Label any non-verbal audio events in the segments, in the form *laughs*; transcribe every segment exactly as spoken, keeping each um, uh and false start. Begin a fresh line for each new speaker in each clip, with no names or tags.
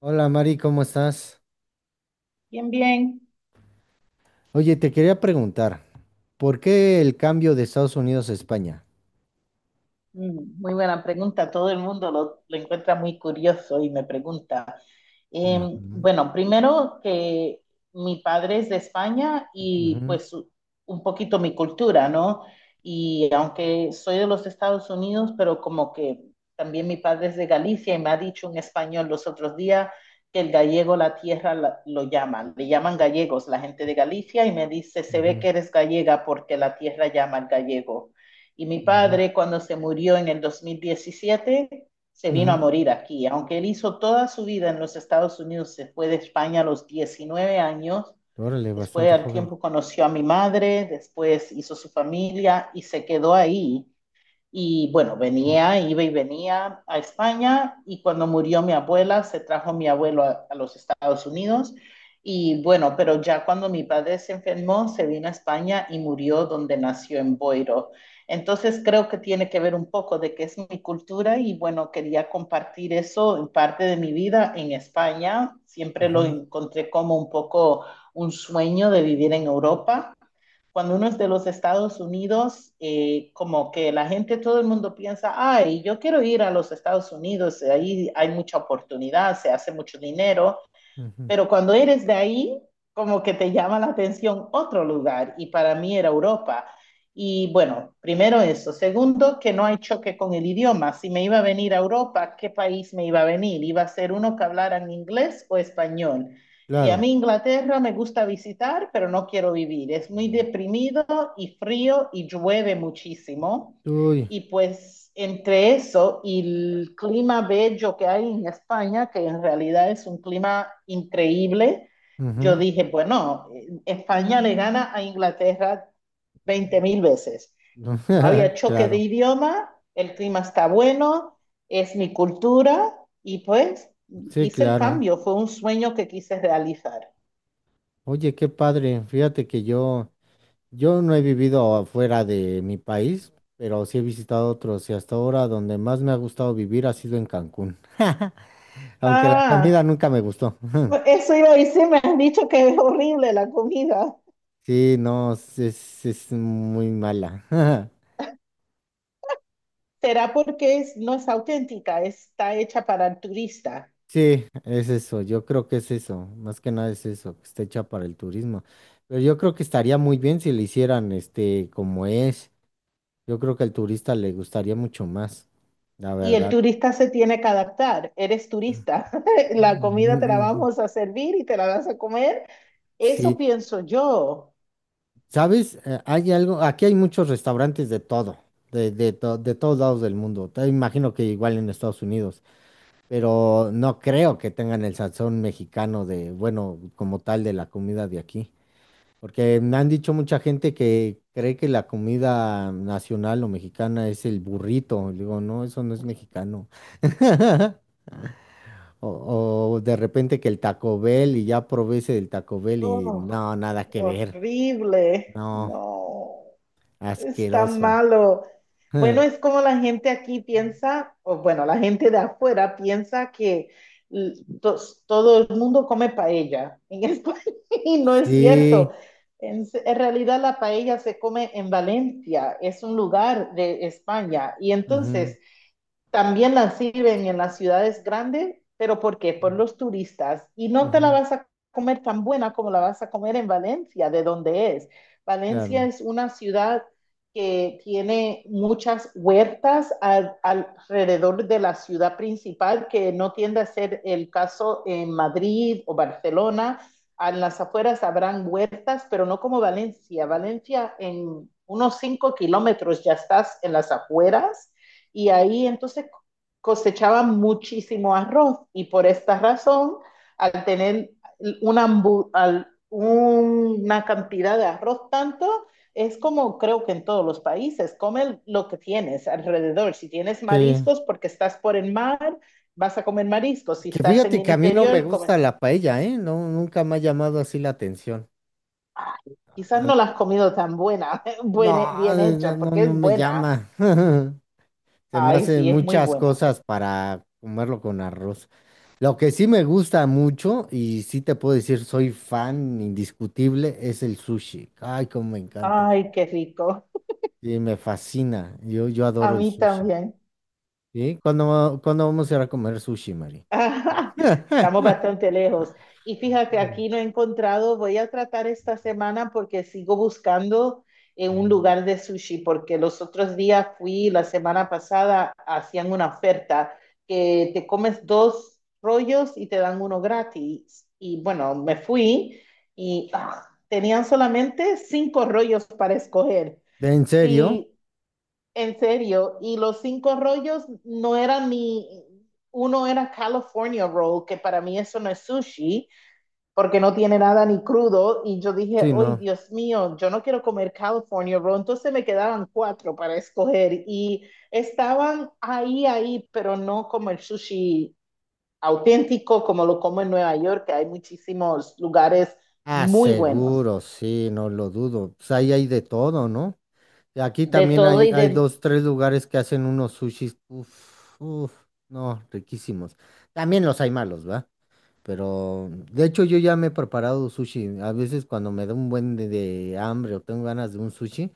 Hola Mari, ¿cómo estás?
Bien, bien.
Oye, te quería preguntar, ¿por qué el cambio de Estados Unidos a España?
Mm, Muy buena pregunta. Todo el mundo lo, lo encuentra muy curioso y me pregunta.
Ujú,
Em, bueno, primero que mi padre es de España y
ujú,
pues u- un poquito mi cultura, ¿no? Y aunque soy de los Estados Unidos, pero como que también mi padre es de Galicia y me ha dicho un español los otros días que el gallego la tierra la- lo llaman, le llaman gallegos la gente de Galicia y me dice, se ve
ujú,
que eres gallega porque la tierra llama al gallego. Y mi
ujú,
padre, cuando se murió en el dos mil diecisiete se vino a
ujú.
morir aquí. Aunque él hizo toda su vida en los Estados Unidos, se fue de España a los diecinueve años.
Órale,
Después
bastante
al
joven.
tiempo conoció a mi madre, después hizo su familia y se quedó ahí y bueno,
Ujú,
venía, iba y venía a España y cuando murió mi abuela, se trajo mi abuelo a, a los Estados Unidos. Y bueno, pero ya cuando mi padre se enfermó, se vino a España y murió donde nació en Boiro. Entonces creo que tiene que ver un poco de qué es mi cultura y bueno, quería compartir eso en parte de mi vida en España. Siempre lo
ujú,
encontré como un poco un sueño de vivir en Europa cuando uno es de los Estados Unidos, eh, como que la gente, todo el mundo piensa, ay, yo quiero ir a los Estados Unidos, ahí hay mucha oportunidad, se hace mucho dinero,
ujú.
pero cuando eres de ahí, como que te llama la atención otro lugar y para mí era Europa. Y bueno, primero eso. Segundo, que no hay choque con el idioma. Si me iba a venir a Europa, ¿qué país me iba a venir? ¿Iba a ser uno que hablaran inglés o español? Y a
Claro.
mí Inglaterra me gusta visitar, pero no quiero vivir. Es muy deprimido y frío y llueve muchísimo.
Uy,
Y pues entre eso y el clima bello que hay en España, que en realidad es un clima increíble, yo
ujú.
dije, bueno, eh, España le gana a Inglaterra veinte mil veces. No
*laughs*
había choque de
Claro,
idioma, el clima está bueno, es mi cultura y pues
sí,
hice el
claro.
cambio, fue un sueño que quise realizar.
Oye, qué padre. Fíjate que yo, yo no he vivido afuera de mi país, pero sí he visitado otros y hasta ahora donde más me ha gustado vivir ha sido en Cancún. *laughs* Aunque la comida
Ah,
nunca me gustó. *laughs*
eso iba a decir, me han dicho que es horrible la comida.
Sí, no, es, es- es muy mala. *laughs*
Será porque es- no es auténtica, está hecha para el turista
Sí, es eso, yo creo que es eso, más que nada es eso, que está hecha para el turismo. Pero yo creo que estaría muy bien si le hicieran este como es. Yo creo que al turista le gustaría mucho más, la
y el
verdad.
turista se tiene que adaptar. Eres turista, *laughs* la
Mm,
comida te la
mm,
vamos a servir y te la vas a comer. Eso
sí,
pienso yo.
¿sabes? Eh, Hay algo, aquí hay muchos restaurantes de todo, de, de, to- de todos lados del mundo. Te imagino que igual en Estados Unidos. Pero no creo que tengan el sazón mexicano de, bueno, como tal de la comida de aquí. Porque me han dicho mucha gente que cree que la comida nacional o mexicana es el burrito. Le digo, no, eso no es mexicano. *laughs* O, o de repente que el Taco Bell, y ya probé ese del Taco Bell y
Oh,
no, nada que ver.
horrible.
No,
No. Está
asqueroso.
malo. Bueno,
*laughs*
es como la gente aquí piensa, o bueno, la gente de afuera piensa que l- tos- todo el mundo come paella en España *laughs* y no es cierto.
Sí.
En, se- en realidad la paella se come en Valencia, es un lugar de España. Y
Ujú,
entonces también la sirven en las ciudades grandes, pero ¿por qué? Por los turistas. Y no te la
ujú,
vas a comer tan buena como la vas a comer en Valencia, de donde es. Valencia
claro.
es una ciudad que tiene muchas huertas al- alrededor de la ciudad principal, que no tiende a ser el caso en Madrid o Barcelona. A las afueras habrán huertas, pero no como Valencia. Valencia en unos cinco kilómetros ya estás en las afueras y ahí entonces cosechaban muchísimo arroz y por esta razón, al tener una, una cantidad de arroz tanto, es como creo que en todos los países, come lo que tienes alrededor. Si tienes
Sí.
mariscos porque estás por el mar, vas a comer mariscos. Si
Que
estás en
fíjate
el
que a mí no me
interior,
gusta
comes...
la paella, ¿eh? No, nunca me ha llamado así la atención.
Ay, quizás no
A-
la has comido tan buena, *laughs*
No,
buena, bien
no,
hecha,
no,
porque
no
es
me
buena.
llama. *laughs* Se me
Ay,
hacen
sí, es muy
muchas
buena.
cosas para comerlo con arroz. Lo que sí me gusta mucho, y sí te puedo decir, soy fan indiscutible, es el sushi. Ay, cómo me encanta el sushi.
Ay, qué rico.
Sí, me fascina. Yo, yo
A
adoro el
mí
sushi.
también.
¿Sí? ¿Cuándo, cuándo vamos a ir a comer sushi, Mari?
*laughs* Ajá. Estamos
*laughs*
bastante lejos. Y fíjate, aquí no he encontrado, voy a tratar esta semana porque sigo buscando en un
Ujú.
lugar de sushi, porque los otros días fui, la semana pasada, hacían una oferta que te comes dos rollos y te dan uno gratis. Y bueno, me fui y ah, tenían solamente cinco rollos para escoger.
¿En serio?
Y en serio, y los cinco rollos no eran ni, uno era California Roll, que para mí eso no es sushi, porque no tiene nada ni crudo, y yo dije,
Sí,
ay,
no.
Dios mío, yo no quiero comer California Roll, entonces me quedaban cuatro para escoger, y estaban ahí, ahí, pero no como el sushi auténtico, como lo como en Nueva York, que hay muchísimos lugares
Ah,
muy buenos,
seguro, sí, no lo dudo. Pues ahí hay de todo, ¿no? Aquí
de
también
todo
hay,
y
hay
de.
dos, tres lugares que hacen unos sushis, uff, uff, no, riquísimos. También los hay malos, ¿va? Pero, de hecho, yo ya me he preparado sushi. A veces cuando me da un buen de, de hambre o tengo ganas de un sushi,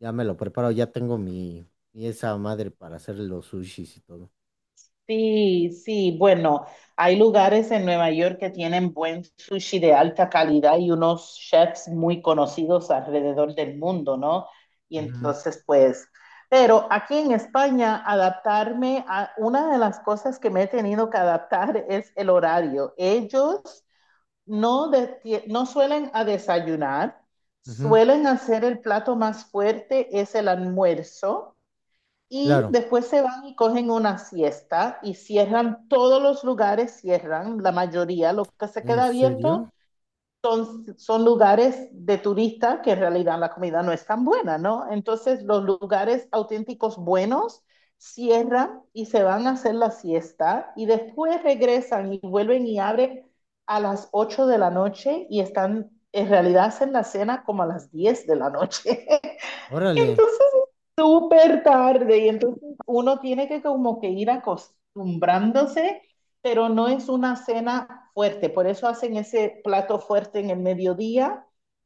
ya me lo preparo, ya tengo mi, mi esa madre para hacer los sushis y todo.
Sí, sí. Bueno, hay lugares en Nueva York que tienen buen sushi de alta calidad y unos chefs muy conocidos alrededor del mundo, ¿no? Y
Ujú,
entonces, pues, pero aquí en España, adaptarme a una de las cosas que me he tenido que adaptar es el horario. Ellos no, de- ti- no suelen a desayunar,
ujú,
suelen hacer el plato más fuerte, es el almuerzo. Y
claro,
después se van y cogen una siesta y cierran todos los lugares, cierran la mayoría, lo que se
¿en
queda
serio?
abierto son, son lugares de turistas que en realidad la comida no es tan buena, ¿no? Entonces los lugares auténticos buenos cierran y se van a hacer la siesta y después regresan y vuelven y abren a las ocho de la noche y están, en realidad hacen la cena como a las diez de la noche. *laughs*
Órale.
Entonces es súper tarde y entonces uno tiene que como que ir acostumbrándose pero no es una cena fuerte. Por eso hacen ese plato fuerte en el mediodía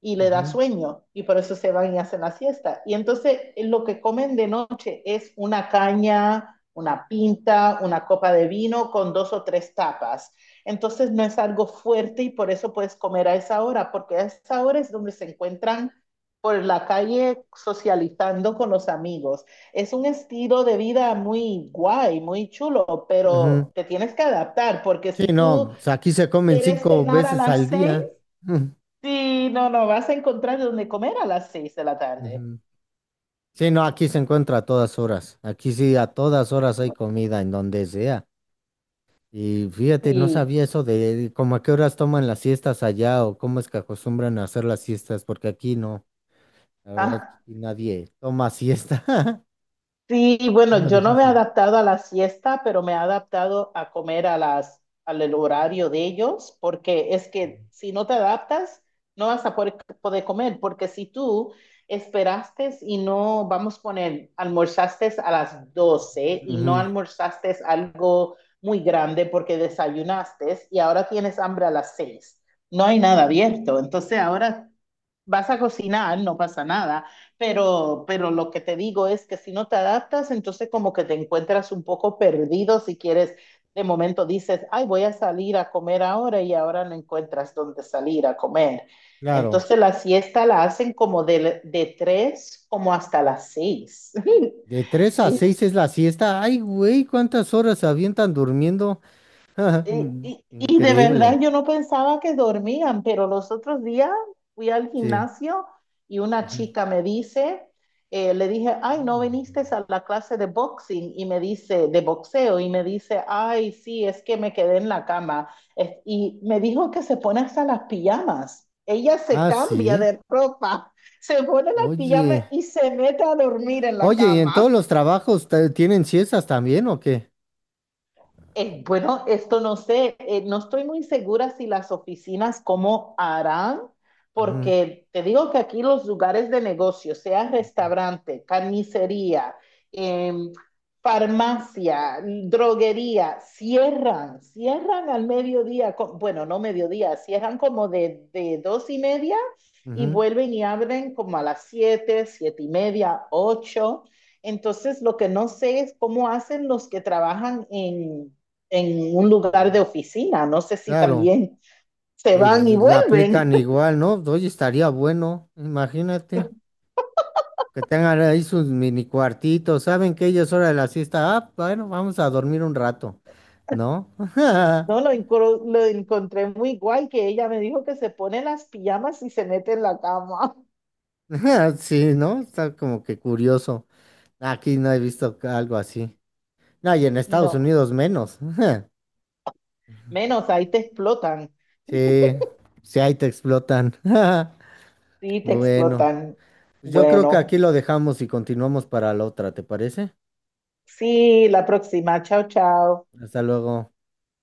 y le da
Ujú,
sueño y por eso se van y hacen la siesta. Y entonces eh, lo que comen de noche es una caña, una pinta, una copa de vino con dos o tres tapas. Entonces no es algo fuerte y por eso puedes comer a esa hora, porque a esa hora es donde se encuentran por la calle socializando con los amigos es un estilo de vida muy guay, muy chulo,
ujú.
pero te tienes que adaptar, porque
Sí,
si
no,
tú
pues, aquí se comen
quieres
cinco
cenar a
veces al
las seis,
día. *laughs* Mm,
sí, no, no, vas a encontrar donde comer a las seis de la tarde.
ujú. Sí, no, aquí se encuentra a todas horas. Aquí sí, a todas horas hay comida en donde sea. Y fíjate, no
Sí.
sabía eso de como a qué horas toman las siestas allá o cómo es que acostumbran a hacer las siestas, porque aquí no, la verdad,
Ah,
aquí nadie toma siesta. *laughs*
sí,
Es
bueno,
más
yo no me he
difícil.
adaptado a la siesta, pero me he adaptado a comer a las, al el horario de ellos, porque es que si no te adaptas, no vas a poder, poder comer, porque si tú esperaste y no, vamos a poner, almorzaste a las doce y no
Ujú,
almorzaste algo muy grande porque desayunaste y ahora tienes hambre a las seis, no hay nada abierto, entonces ahora vas a cocinar, no pasa nada, pero, pero lo que te digo es que si no te adaptas, entonces como que te encuentras un poco perdido si quieres, de momento dices, ay, voy a salir a comer ahora y ahora no encuentras dónde salir a comer.
claro,
Entonces la siesta la hacen como de, de tres como hasta las seis. *laughs*
de tres a
Y
seis es la siesta. Ay, güey, ¿cuántas horas se avientan durmiendo?
Y, y-
*laughs*
y de
Increíble,
verdad yo no pensaba que dormían, pero los otros días fui al
sí.
gimnasio y una
Ujú.
chica me dice, eh, le dije, ay, no viniste a la clase de boxing y me dice, de boxeo, y me dice, ay, sí, es que me quedé en la cama. Es- y me dijo que se pone hasta las pijamas. Ella se
Ah,
cambia
sí.
de ropa, *laughs* se pone las pijamas
Oye,
y se mete a dormir en la
oye, ¿y en todos
cama.
los trabajos te- tienen siestas también o qué?
Eh, bueno, esto no sé, eh, no estoy muy segura si las oficinas cómo harán,
Ujú,
porque te digo que aquí los lugares de negocio, sea restaurante, carnicería, em, farmacia, droguería, cierran, cierran al mediodía, co- bueno, no mediodía, cierran como de, de dos y media y
ujú,
vuelven y abren como a las siete, siete y media, ocho. Entonces, lo que no sé es cómo hacen los que trabajan en en un lugar de oficina. No sé si
claro,
también se van y
el- la
vuelven.
aplican
*laughs*
igual, ¿no? Oye, estaría bueno, imagínate, que tengan ahí sus mini cuartitos, ¿saben que ellos hora de la siesta? Ah, bueno, vamos a dormir un rato, ¿no? *laughs*
No, lo, lo encontré muy igual que ella me dijo que se pone las pijamas y se mete en la cama.
*laughs* Sí, ¿no? Está como que curioso. Aquí no he visto ca- algo así. No, y en
*laughs*
Estados
No,
Unidos menos. *laughs*
menos ahí te explotan.
Sí, sí, ahí te explotan. *laughs*
Sí, te
Bueno,
explotan.
pues yo creo que aquí
Bueno,
lo dejamos y continuamos para la otra, ¿te parece?
sí, la próxima. Chao, chao.
Hasta luego.